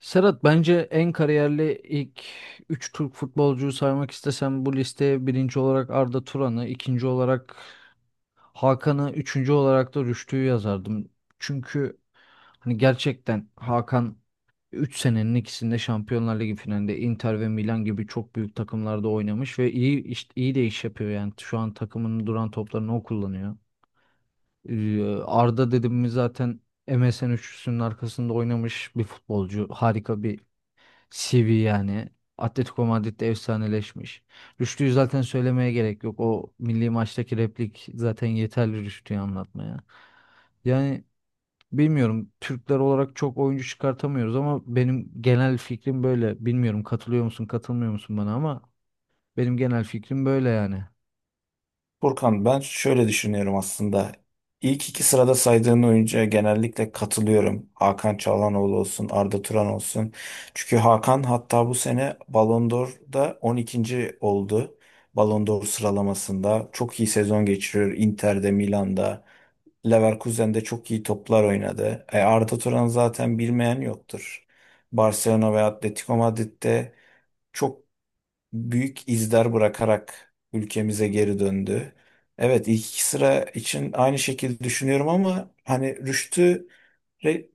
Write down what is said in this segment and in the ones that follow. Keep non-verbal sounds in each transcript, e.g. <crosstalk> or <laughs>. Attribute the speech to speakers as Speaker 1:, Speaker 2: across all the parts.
Speaker 1: Serhat bence en kariyerli ilk 3 Türk futbolcuyu saymak istesem bu listeye birinci olarak Arda Turan'ı, ikinci olarak Hakan'ı, üçüncü olarak da Rüştü'yü yazardım. Çünkü hani gerçekten Hakan 3 senenin ikisinde Şampiyonlar Ligi finalinde Inter ve Milan gibi çok büyük takımlarda oynamış ve iyi de iş yapıyor yani. Şu an takımının duran toplarını o kullanıyor. Arda dedim mi zaten MSN üçlüsünün arkasında oynamış bir futbolcu. Harika bir CV yani. Atletico Madrid'de efsaneleşmiş. Rüştü'yü zaten söylemeye gerek yok. O milli maçtaki replik zaten yeterli Rüştü'yü anlatmaya. Yani bilmiyorum Türkler olarak çok oyuncu çıkartamıyoruz ama benim genel fikrim böyle. Bilmiyorum katılıyor musun katılmıyor musun bana ama benim genel fikrim böyle yani.
Speaker 2: Furkan ben şöyle düşünüyorum aslında. İlk iki sırada saydığın oyuncuya genellikle katılıyorum. Hakan Çalhanoğlu olsun, Arda Turan olsun. Çünkü Hakan hatta bu sene Ballon d'Or'da 12. oldu. Ballon d'Or sıralamasında çok iyi sezon geçiriyor. Inter'de, Milan'da, Leverkusen'de çok iyi toplar oynadı. E, Arda Turan zaten bilmeyen yoktur. Barcelona ve Atletico Madrid'de çok büyük izler bırakarak ülkemize geri döndü. Evet, ilk iki sıra için aynı şekilde düşünüyorum ama hani Re-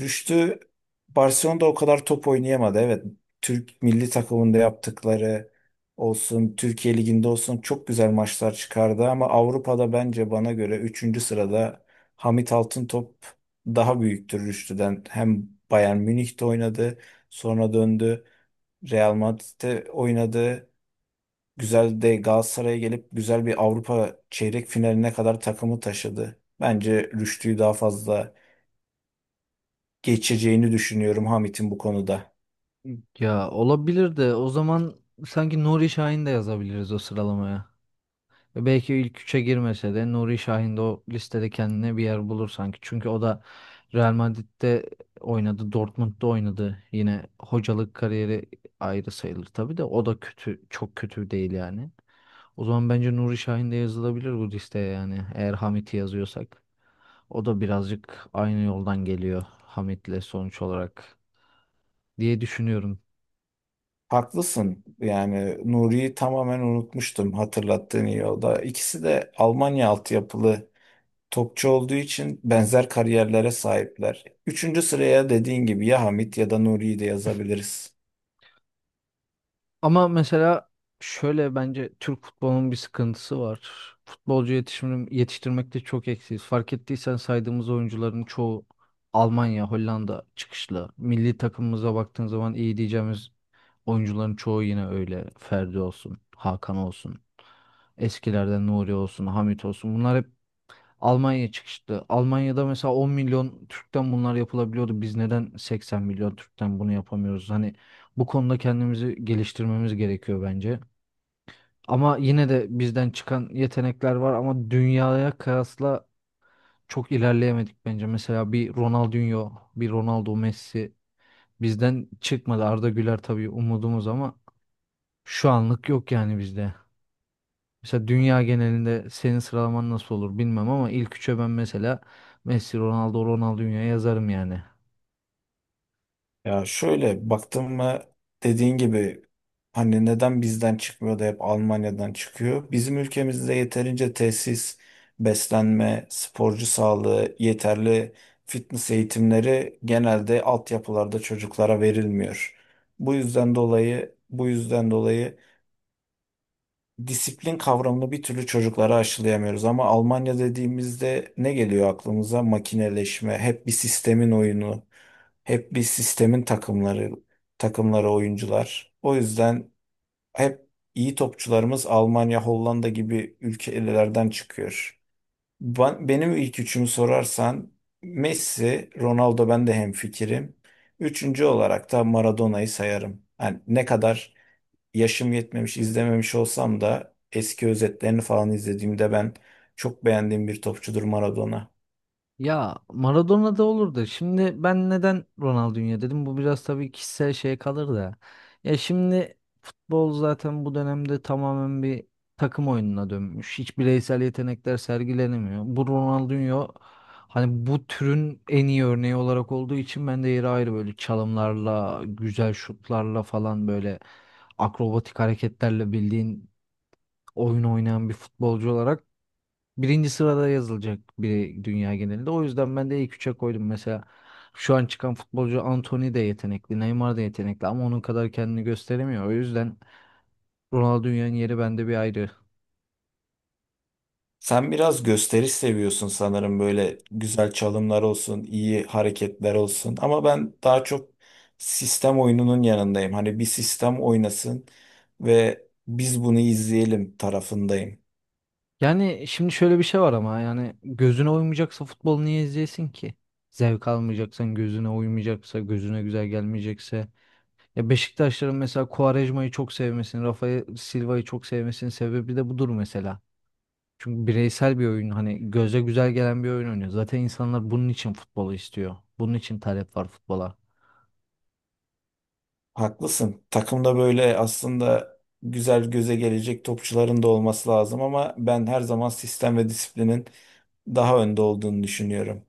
Speaker 2: Rüştü Barcelona'da o kadar top oynayamadı. Evet, Türk milli takımında yaptıkları olsun, Türkiye Ligi'nde olsun çok güzel maçlar çıkardı ama Avrupa'da bence bana göre üçüncü sırada Hamit Altıntop daha büyüktür Rüştü'den. Hem Bayern Münih'te oynadı, sonra döndü, Real Madrid'de oynadı. Güzel de Galatasaray'a gelip güzel bir Avrupa çeyrek finaline kadar takımı taşıdı. Bence Rüştü'yü daha fazla geçeceğini düşünüyorum Hamit'in bu konuda.
Speaker 1: Ya olabilir de o zaman sanki Nuri Şahin de yazabiliriz o sıralamaya. Ve belki ilk üçe girmese de Nuri Şahin de o listede kendine bir yer bulur sanki. Çünkü o da Real Madrid'de oynadı, Dortmund'da oynadı. Yine hocalık kariyeri ayrı sayılır tabii de o da kötü, çok kötü değil yani. O zaman bence Nuri Şahin de yazılabilir bu listeye yani eğer Hamit'i yazıyorsak. O da birazcık aynı yoldan geliyor Hamit'le sonuç olarak diye düşünüyorum.
Speaker 2: Haklısın. Yani Nuri'yi tamamen unutmuştum, hatırlattığın iyi oldu. İkisi de Almanya altyapılı topçu olduğu için benzer kariyerlere sahipler. Üçüncü sıraya dediğin gibi ya Hamit ya da Nuri'yi de yazabiliriz.
Speaker 1: Ama mesela şöyle bence Türk futbolunun bir sıkıntısı var. Futbolcu yetişim, yetiştirmekte çok eksiyiz. Fark ettiysen saydığımız oyuncuların çoğu Almanya, Hollanda çıkışlı. Milli takımımıza baktığın zaman iyi diyeceğimiz oyuncuların çoğu yine öyle. Ferdi olsun, Hakan olsun, eskilerden Nuri olsun, Hamit olsun. Bunlar hep Almanya çıkışlı. Almanya'da mesela 10 milyon Türk'ten bunlar yapılabiliyordu. Biz neden 80 milyon Türk'ten bunu yapamıyoruz? Hani bu konuda kendimizi geliştirmemiz gerekiyor bence. Ama yine de bizden çıkan yetenekler var ama dünyaya kıyasla çok ilerleyemedik bence. Mesela bir Ronaldinho, bir Ronaldo Messi bizden çıkmadı. Arda Güler tabii umudumuz ama şu anlık yok yani bizde. Mesela dünya genelinde senin sıralaman nasıl olur bilmem ama ilk üçe ben mesela Messi, Ronaldo, Ronaldinho yazarım yani.
Speaker 2: Ya şöyle baktım mı, dediğin gibi hani neden bizden çıkmıyor da hep Almanya'dan çıkıyor? Bizim ülkemizde yeterince tesis, beslenme, sporcu sağlığı, yeterli fitness eğitimleri genelde altyapılarda çocuklara verilmiyor. Bu yüzden dolayı disiplin kavramını bir türlü çocuklara aşılayamıyoruz. Ama Almanya dediğimizde ne geliyor aklımıza? Makineleşme, hep bir sistemin oyunu, hep bir sistemin takımları oyuncular. O yüzden hep iyi topçularımız Almanya, Hollanda gibi ülkelerden çıkıyor. Benim ilk üçümü sorarsan Messi, Ronaldo, ben de hemfikirim. Üçüncü olarak da Maradona'yı sayarım. Yani ne kadar yaşım yetmemiş, izlememiş olsam da eski özetlerini falan izlediğimde ben çok beğendiğim bir topçudur Maradona.
Speaker 1: Ya Maradona da olurdu. Şimdi ben neden Ronaldinho dedim? Bu biraz tabii kişisel şeye kalır da. Ya şimdi futbol zaten bu dönemde tamamen bir takım oyununa dönmüş. Hiç bireysel yetenekler sergilenemiyor. Bu Ronaldinho hani bu türün en iyi örneği olarak olduğu için ben de yeri ayrı böyle çalımlarla, güzel şutlarla falan böyle akrobatik hareketlerle bildiğin oyun oynayan bir futbolcu olarak birinci sırada yazılacak biri dünya genelinde. O yüzden ben de ilk üçe koydum. Mesela şu an çıkan futbolcu Antony de yetenekli, Neymar da yetenekli ama onun kadar kendini gösteremiyor. O yüzden Ronaldinho'nun yeri bende bir ayrı.
Speaker 2: Sen biraz gösteriş seviyorsun sanırım, böyle güzel çalımlar olsun, iyi hareketler olsun. Ama ben daha çok sistem oyununun yanındayım. Hani bir sistem oynasın ve biz bunu izleyelim tarafındayım.
Speaker 1: Yani şimdi şöyle bir şey var ama yani gözüne uymayacaksa futbol niye izleyesin ki? Zevk almayacaksan, gözüne uymayacaksa, gözüne güzel gelmeyecekse. Ya Beşiktaşların mesela Quaresma'yı çok sevmesinin, Rafael Silva'yı çok sevmesinin sebebi de budur mesela. Çünkü bireysel bir oyun hani göze güzel gelen bir oyun oynuyor. Zaten insanlar bunun için futbolu istiyor. Bunun için talep var futbola.
Speaker 2: Haklısın. Takımda böyle aslında güzel göze gelecek topçuların da olması lazım ama ben her zaman sistem ve disiplinin daha önde olduğunu düşünüyorum.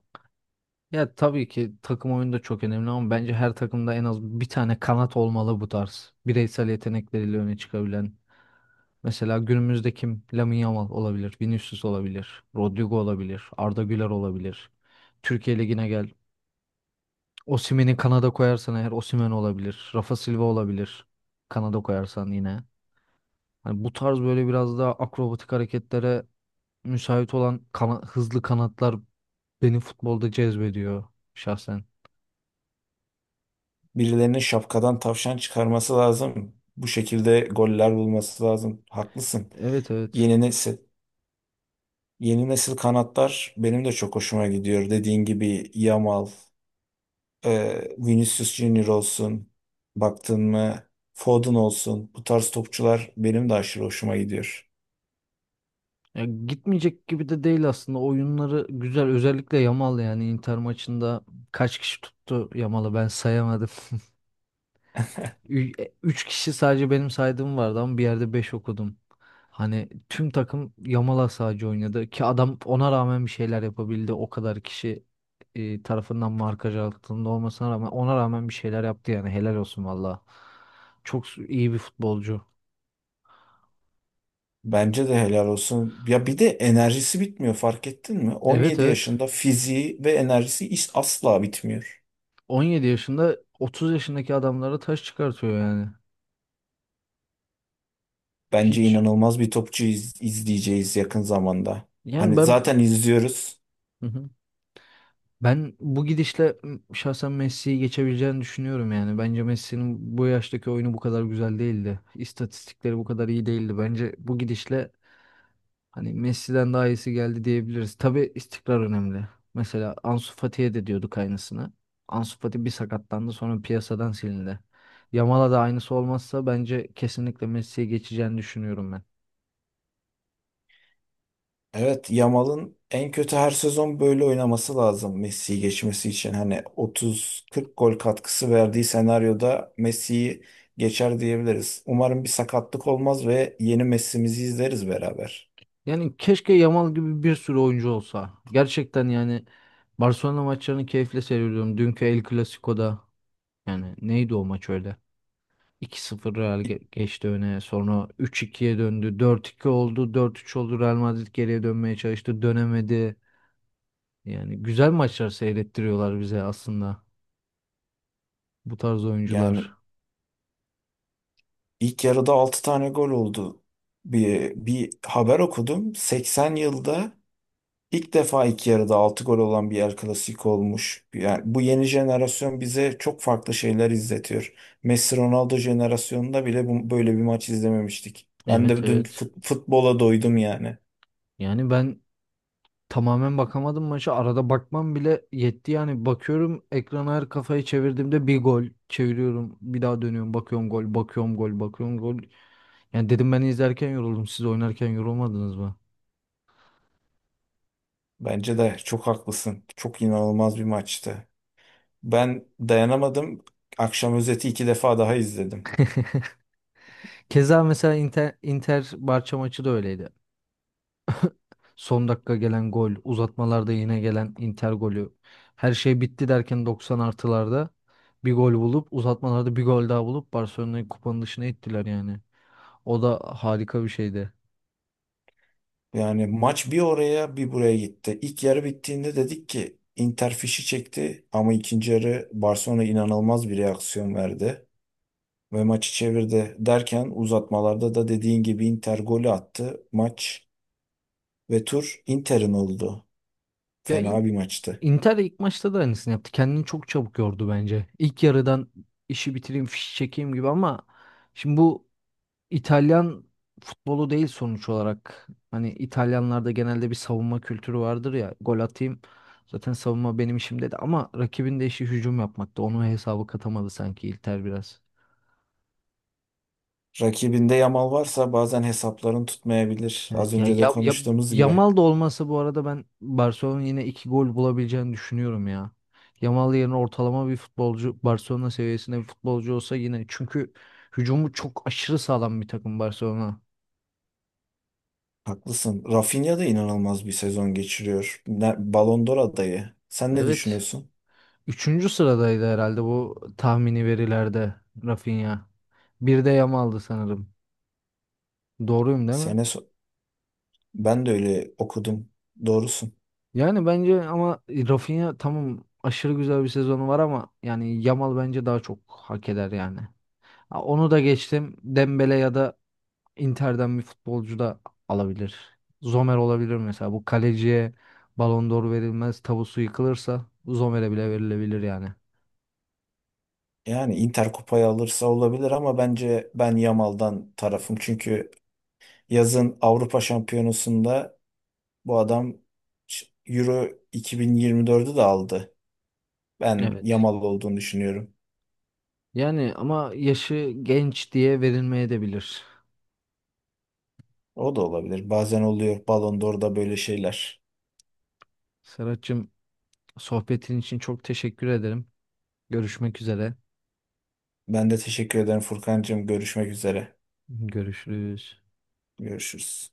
Speaker 1: Ya tabii ki takım oyunu da çok önemli ama bence her takımda en az bir tane kanat olmalı bu tarz. Bireysel yetenekleriyle öne çıkabilen. Mesela günümüzde kim? Lamine Yamal olabilir, Vinicius olabilir, Rodrigo olabilir, Arda Güler olabilir. Türkiye Ligi'ne gel. Osimhen'i Kanada koyarsan eğer Osimhen olabilir, Rafa Silva olabilir. Kanada koyarsan yine. Hani bu tarz böyle biraz daha akrobatik hareketlere müsait olan hızlı kanatlar beni futbolda cezbediyor şahsen.
Speaker 2: Birilerinin şapkadan tavşan çıkarması lazım. Bu şekilde goller bulması lazım. Haklısın.
Speaker 1: Evet, evet.
Speaker 2: Yeni nesil, yeni nesil kanatlar benim de çok hoşuma gidiyor. Dediğin gibi Yamal, Vinicius Junior olsun, baktın mı Foden olsun. Bu tarz topçular benim de aşırı hoşuma gidiyor.
Speaker 1: Ya gitmeyecek gibi de değil aslında. Oyunları güzel. Özellikle Yamal yani Inter maçında kaç kişi tuttu Yamal'ı ben sayamadım. Üç kişi sadece benim saydığım vardı ama bir yerde beş okudum. Hani tüm takım Yamal sadece oynadı ki adam ona rağmen bir şeyler yapabildi. O kadar kişi tarafından markaj altında olmasına rağmen ona rağmen bir şeyler yaptı yani helal olsun valla. İyi bir futbolcu.
Speaker 2: Bence de helal olsun. Ya bir de enerjisi bitmiyor, fark ettin mi?
Speaker 1: Evet,
Speaker 2: 17
Speaker 1: evet.
Speaker 2: yaşında fiziği ve enerjisi asla bitmiyor.
Speaker 1: 17 yaşında 30 yaşındaki adamlara taş çıkartıyor yani.
Speaker 2: Bence
Speaker 1: Hiç
Speaker 2: inanılmaz bir topçu izleyeceğiz yakın zamanda.
Speaker 1: yani
Speaker 2: Hani
Speaker 1: ben.
Speaker 2: zaten izliyoruz.
Speaker 1: Hı hı. Ben bu gidişle şahsen Messi'yi geçebileceğini düşünüyorum yani. Bence Messi'nin bu yaştaki oyunu bu kadar güzel değildi. İstatistikleri bu kadar iyi değildi. Bence bu gidişle hani Messi'den daha iyisi geldi diyebiliriz. Tabii istikrar önemli. Mesela Ansu Fati'ye de diyorduk aynısını. Ansu Fati bir sakatlandı sonra piyasadan silindi. Yamal'a da aynısı olmazsa bence kesinlikle Messi'ye geçeceğini düşünüyorum ben.
Speaker 2: Evet, Yamal'ın en kötü her sezon böyle oynaması lazım Messi'yi geçmesi için. Hani 30-40 gol katkısı verdiği senaryoda Messi'yi geçer diyebiliriz. Umarım bir sakatlık olmaz ve yeni Messi'mizi izleriz beraber.
Speaker 1: Yani keşke Yamal gibi bir sürü oyuncu olsa. Gerçekten yani Barcelona maçlarını keyifle seyrediyorum. Dünkü El Clasico'da yani neydi o maç öyle? 2 sıfır Real geçti öne. Sonra üç ikiye döndü. 4-2 oldu. 4-3 oldu. Real Madrid geriye dönmeye çalıştı. Dönemedi. Yani güzel maçlar seyrettiriyorlar bize aslında bu tarz
Speaker 2: Yani
Speaker 1: oyuncular.
Speaker 2: İlk yarıda 6 tane gol oldu. Bir haber okudum. 80 yılda ilk defa ilk yarıda 6 gol olan bir El Clasico olmuş. Yani bu yeni jenerasyon bize çok farklı şeyler izletiyor. Messi Ronaldo jenerasyonunda bile böyle bir maç izlememiştik. Ben
Speaker 1: Evet,
Speaker 2: de dün
Speaker 1: evet.
Speaker 2: futbola doydum yani.
Speaker 1: Yani ben tamamen bakamadım maça. Arada bakmam bile yetti yani. Bakıyorum ekrana her kafayı çevirdiğimde bir gol çeviriyorum. Bir daha dönüyorum. Bakıyorum gol, bakıyorum gol, bakıyorum gol. Yani dedim ben izlerken yoruldum. Siz oynarken yorulmadınız mı?
Speaker 2: Bence de çok haklısın. Çok inanılmaz bir maçtı. Ben dayanamadım. Akşam özeti iki defa daha izledim.
Speaker 1: <laughs> Keza mesela Inter, Inter Barça maçı da öyleydi. Son dakika gelen gol, uzatmalarda yine gelen Inter golü. Her şey bitti derken 90 artılarda bir gol bulup uzatmalarda bir gol daha bulup Barcelona'yı kupanın dışına ittiler yani. O da harika bir şeydi.
Speaker 2: Yani maç bir oraya bir buraya gitti. İlk yarı bittiğinde dedik ki Inter fişi çekti ama ikinci yarı Barcelona inanılmaz bir reaksiyon verdi ve maçı çevirdi. Derken uzatmalarda da dediğin gibi Inter golü attı. Maç ve tur Inter'in oldu.
Speaker 1: Ya
Speaker 2: Fena bir maçtı.
Speaker 1: Inter ilk maçta da aynısını yaptı. Kendini çok çabuk yordu bence. İlk yarıdan işi bitireyim, fişi çekeyim gibi ama şimdi bu İtalyan futbolu değil sonuç olarak. Hani İtalyanlarda genelde bir savunma kültürü vardır ya. Gol atayım. Zaten savunma benim işim dedi ama rakibin de işi hücum yapmakta. Onu hesabı katamadı sanki Inter biraz.
Speaker 2: Rakibinde Yamal varsa bazen hesapların tutmayabilir. Az
Speaker 1: Evet ya,
Speaker 2: önce de
Speaker 1: ya, ya,
Speaker 2: konuştuğumuz gibi.
Speaker 1: Yamal da olmasa bu arada ben Barcelona'nın yine iki gol bulabileceğini düşünüyorum ya. Yamal yerine ortalama bir futbolcu Barcelona seviyesinde bir futbolcu olsa yine çünkü hücumu çok aşırı sağlam bir takım Barcelona.
Speaker 2: Haklısın. Rafinha da inanılmaz bir sezon geçiriyor. Ballon d'Or adayı. Sen ne
Speaker 1: Evet.
Speaker 2: düşünüyorsun?
Speaker 1: Üçüncü sıradaydı herhalde bu tahmini verilerde Rafinha. Bir de Yamal'dı sanırım. Doğruyum değil mi?
Speaker 2: Sene so- Ben de öyle okudum. Doğrusun.
Speaker 1: Yani bence ama Rafinha tamam aşırı güzel bir sezonu var ama yani Yamal bence daha çok hak eder yani. Ha, onu da geçtim. Dembele ya da Inter'den bir futbolcu da alabilir. Zomer olabilir mesela. Bu kaleciye Ballon d'Or verilmez. Tabusu yıkılırsa Zomer'e bile verilebilir yani.
Speaker 2: Yani Inter kupayı alırsa olabilir ama bence ben Yamal'dan tarafım. Çünkü yazın Avrupa Şampiyonası'nda bu adam Euro 2024'ü de aldı. Ben
Speaker 1: Evet.
Speaker 2: Yamal olduğunu düşünüyorum.
Speaker 1: Yani ama yaşı genç diye verilmeye de bilir.
Speaker 2: O da olabilir. Bazen oluyor Ballon d'Or'da böyle şeyler.
Speaker 1: Serhat'cığım sohbetin için çok teşekkür ederim. Görüşmek üzere.
Speaker 2: Ben de teşekkür ederim Furkancığım. Görüşmek üzere.
Speaker 1: Görüşürüz.
Speaker 2: Görüşürüz.